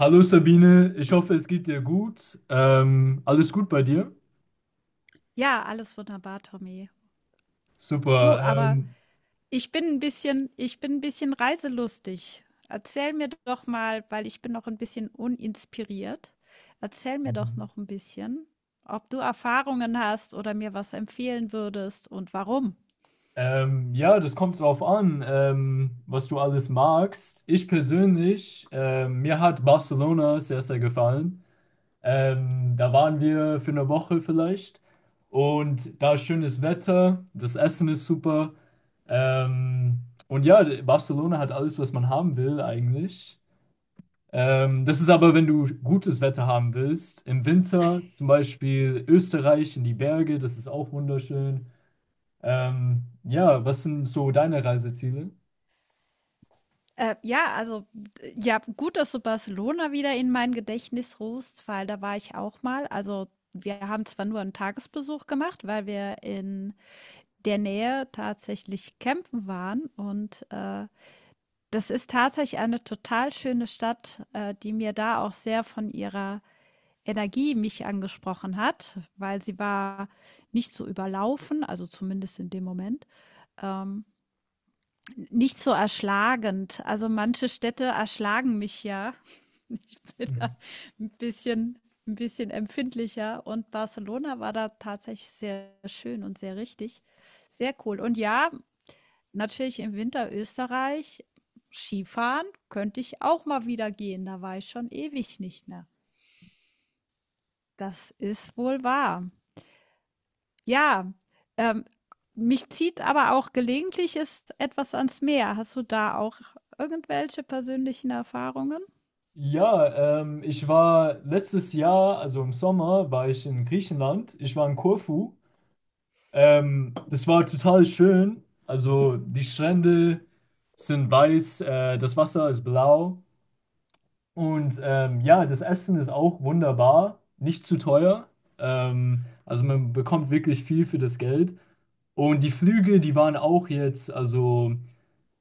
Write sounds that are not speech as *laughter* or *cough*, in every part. Hallo Sabine, ich hoffe, es geht dir gut. Alles gut bei dir? Ja, alles wunderbar, Tommy. Super. Du, aber ich bin ein bisschen reiselustig. Erzähl mir doch mal, weil ich bin noch ein bisschen uninspiriert. Erzähl mir doch noch ein bisschen, ob du Erfahrungen hast oder mir was empfehlen würdest und warum. Ja, das kommt drauf an, was du alles magst. Ich persönlich, mir hat Barcelona sehr, sehr gefallen. Da waren wir für eine Woche vielleicht. Und da ist schönes Wetter, das Essen ist super. Ähm, und ja, Barcelona hat alles, was man haben will eigentlich. Das ist aber, wenn du gutes Wetter haben willst. Im Winter zum Beispiel Österreich in die Berge, das ist auch wunderschön. Ja, was sind so deine Reiseziele? Ja, also, d ja, gut, dass du Barcelona wieder in mein Gedächtnis rufst, weil da war ich auch mal. Also, wir haben zwar nur einen Tagesbesuch gemacht, weil wir in der Nähe tatsächlich campen waren das ist tatsächlich eine total schöne Stadt, die mir da auch sehr von ihrer Energie mich angesprochen hat, weil sie war nicht so überlaufen, also zumindest in dem Moment, ähm, nicht so erschlagend. Also manche Städte erschlagen mich ja *laughs* mit ein bisschen empfindlicher, und Barcelona war da tatsächlich sehr schön und sehr richtig. Sehr cool. Und ja, natürlich im Winter Österreich. Skifahren könnte ich auch mal wieder gehen, da war ich schon ewig nicht mehr. Das ist wohl wahr. Ja, ähm, mich zieht aber auch gelegentlich ist etwas ans Meer. Hast du da auch irgendwelche persönlichen Erfahrungen? Ja, ich war letztes Jahr, also im Sommer, war ich in Griechenland. Ich war in Korfu. Das war total schön. Also die Strände sind weiß, das Wasser ist blau. Und ja, das Essen ist auch wunderbar, nicht zu teuer. Also man bekommt wirklich viel für das Geld. Und die Flüge, die waren auch jetzt, also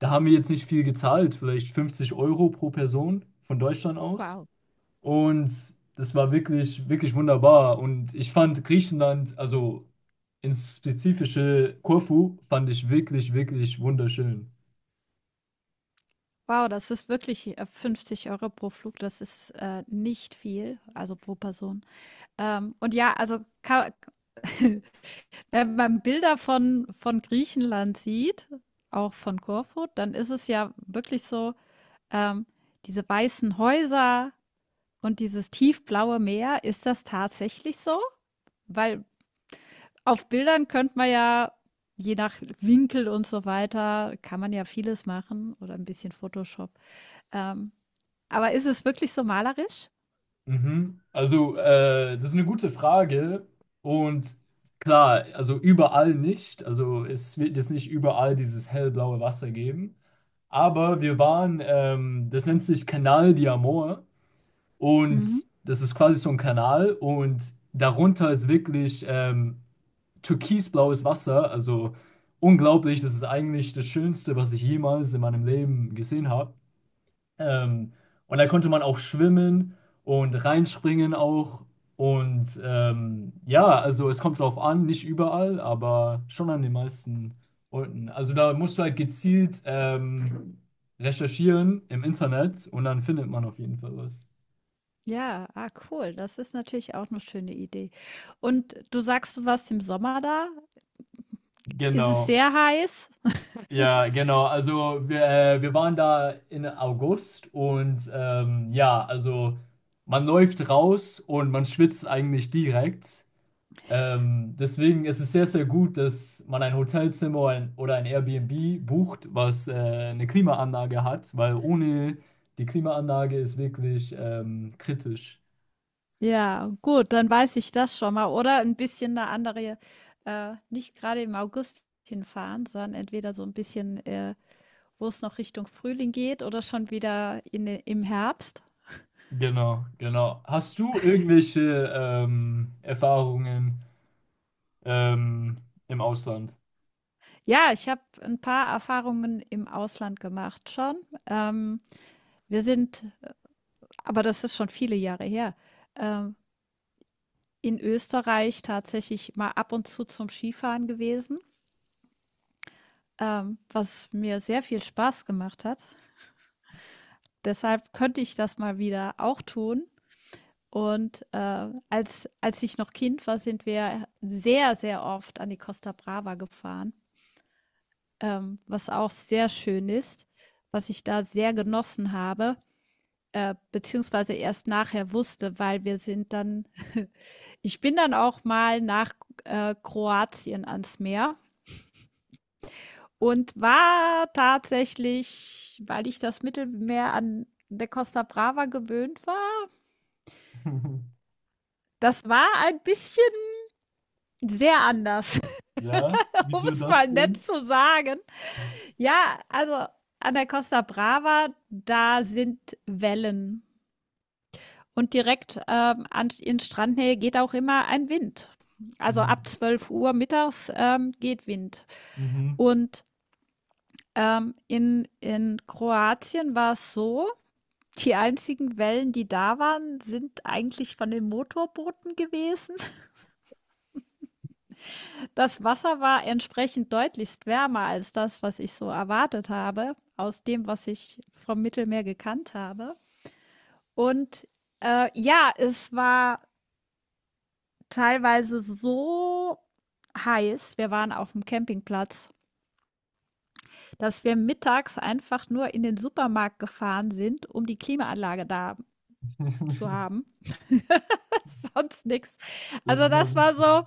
da haben wir jetzt nicht viel gezahlt, vielleicht 50 Euro pro Person von Deutschland aus. Wow. Und das war wirklich, wirklich wunderbar. Und ich fand Griechenland, also ins spezifische Korfu, fand ich wirklich, wirklich wunderschön. Wow, das ist wirklich 50 Euro pro Flug, das ist nicht viel, also pro Person. Und ja, also ka *laughs* Wenn man Bilder von Griechenland sieht, auch von Korfu, dann ist es ja wirklich so, ähm, diese weißen Häuser und dieses tiefblaue Meer, ist das tatsächlich so? Weil auf Bildern könnte man ja, je nach Winkel und so weiter, kann man ja vieles machen oder ein bisschen Photoshop. Ähm, aber ist es wirklich so malerisch? Mhm. Also, das ist eine gute Frage. Und klar, also überall nicht. Also, es wird jetzt nicht überall dieses hellblaue Wasser geben. Aber wir waren, das nennt sich Canal di Amor. Und Mhm. das ist quasi so ein Kanal. Und darunter ist wirklich türkisblaues Wasser. Also, unglaublich. Das ist eigentlich das Schönste, was ich jemals in meinem Leben gesehen habe. Ähm, und da konnte man auch schwimmen und reinspringen auch. Und ja, also es kommt drauf an, nicht überall, aber schon an den meisten Orten. Also da musst du halt gezielt recherchieren im Internet und dann findet man auf jeden Fall was. Ja, ah, cool. Das ist natürlich auch eine schöne Idee. Und du sagst, du warst im Sommer da. Ist es Genau. sehr heiß? Ja, genau. Also wir, wir waren da in August und ja, also man läuft raus und man schwitzt eigentlich direkt. Deswegen ist es sehr, sehr gut, dass man ein Hotelzimmer oder ein Airbnb bucht, was eine Klimaanlage hat, weil ohne die Klimaanlage ist wirklich kritisch. Ja, gut, dann weiß ich das schon mal. Oder ein bisschen eine andere, nicht gerade im August hinfahren, sondern entweder so ein bisschen, wo es noch Richtung Frühling geht oder schon wieder im Herbst. Genau, genau. Hast du irgendwelche Erfahrungen ähm, im Ausland? Ja, ich habe ein paar Erfahrungen im Ausland gemacht schon. Ähm, Wir sind, aber das ist schon viele Jahre her, ähm, in Österreich tatsächlich mal ab und zu zum Skifahren gewesen, was mir sehr viel Spaß gemacht hat. Deshalb könnte ich das mal wieder auch tun. Und als ich noch Kind war, sind wir sehr, sehr oft an die Costa Brava gefahren, was auch sehr schön ist, was ich da sehr genossen habe, beziehungsweise erst nachher wusste, weil wir sind dann, *laughs* ich bin dann auch mal nach Kroatien ans Meer und war tatsächlich, weil ich das Mittelmeer an der Costa Brava gewöhnt war, *laughs* das war ein bisschen sehr anders, Ja, *laughs* um wieso es mal das nett denn? zu sagen. Ja, also an der Costa Brava, da sind Wellen. Und direkt in Strandnähe geht auch immer ein Wind. Also Hm. ab 12 Uhr mittags geht Wind. Mhm. Und in Kroatien war es so, die einzigen Wellen, die da waren, sind eigentlich von den Motorbooten gewesen. Das Wasser war entsprechend deutlichst wärmer als das, was ich so erwartet habe, aus dem, was ich vom Mittelmeer gekannt habe. Und ja, es war teilweise so heiß, wir waren auf dem Campingplatz, dass wir mittags einfach nur in den Supermarkt gefahren sind, um die Klimaanlage da zu *laughs* haben. *laughs* Sonst nichts. Das Also ist ja das war witzig. so,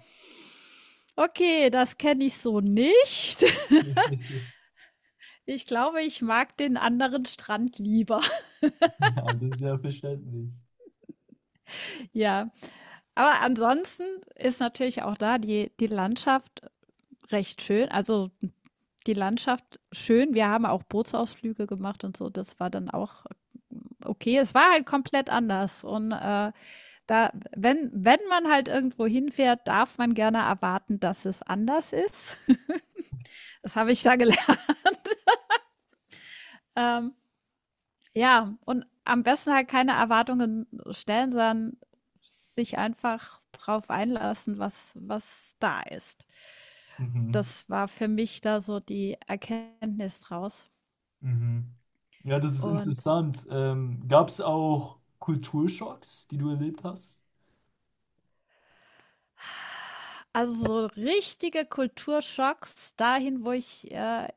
okay, das kenne ich so nicht. *laughs* Ich glaube, ich mag den anderen Strand lieber. *laughs* Ja, das ist ja verständlich. Ja, aber ansonsten ist natürlich auch da die Landschaft recht schön. Also, die Landschaft schön. Wir haben auch Bootsausflüge gemacht und so. Das war dann auch okay. Es war halt komplett anders, und, da wenn man halt irgendwo hinfährt, darf man gerne erwarten, dass es anders ist. *laughs* Das habe ich da gelernt. Ähm, Ja, und am besten halt keine Erwartungen stellen, sondern sich einfach drauf einlassen, was da ist. Mhm. Das war für mich da so die Erkenntnis draus. Mhm. Ja, das ist Und interessant. Gab es auch Kulturschocks, die du erlebt hast? also so richtige Kulturschocks dahin, wo ich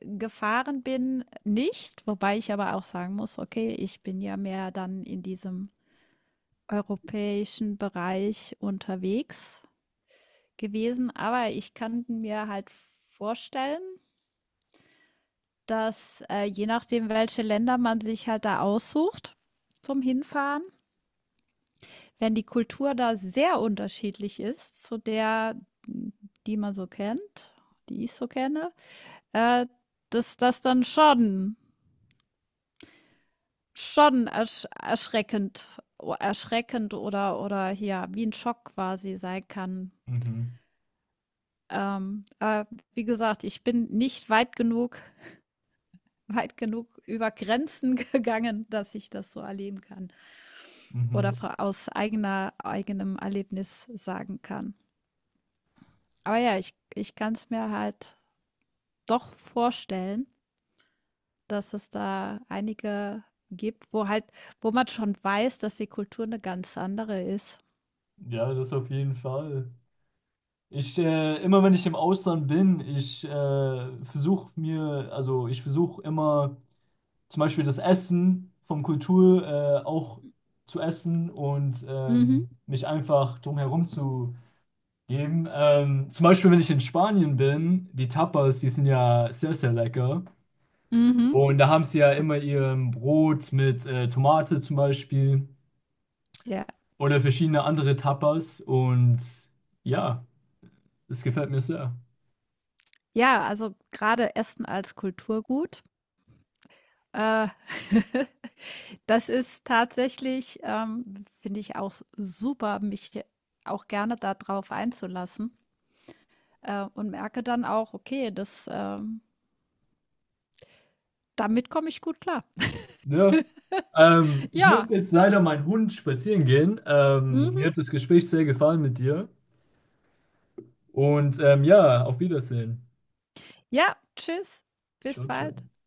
gefahren bin, nicht. Wobei ich aber auch sagen muss, okay, ich bin ja mehr dann in diesem europäischen Bereich unterwegs gewesen. Aber ich kann mir halt vorstellen, dass je nachdem, welche Länder man sich halt da aussucht zum Hinfahren, wenn die Kultur da sehr unterschiedlich ist zu der, die man so kennt, die ich so kenne, äh, dass das dann schon erschreckend, erschreckend oder hier wie ein Schock quasi sein kann. Mhm. Ähm, äh, Wie gesagt, ich bin nicht weit genug, weit genug über Grenzen *laughs* gegangen, dass ich das so erleben kann. Mhm. Oder aus eigenem Erlebnis sagen kann. Aber ja, ich kann es mir halt doch vorstellen, dass es da einige gibt, wo man schon weiß, dass die Kultur eine ganz andere ist. Ja, das auf jeden Fall. Ich, immer wenn ich im Ausland bin, ich versuche mir, also ich versuche immer zum Beispiel das Essen vom Kultur auch zu essen und Mhm. Mich einfach drumherum zu geben. Zum Beispiel, wenn ich in Spanien bin, die Tapas, die sind ja sehr, sehr lecker. Mhm. Und da haben sie ja immer ihr Brot mit Tomate zum Beispiel Ja. oder verschiedene andere Tapas. Und ja, das gefällt mir sehr. Ja, also gerade Essen als Kulturgut. Äh, *laughs* Das ist tatsächlich, finde ich auch super, mich auch gerne darauf einzulassen und merke dann auch, okay, das damit komme ich gut klar. Ja. *laughs* Ich muss Ja. jetzt leider meinen Hund spazieren gehen. Mir Mhm. hat das Gespräch sehr gefallen mit dir. Und ja, auf Wiedersehen. Ja, tschüss. Bis Ciao, bald. ciao.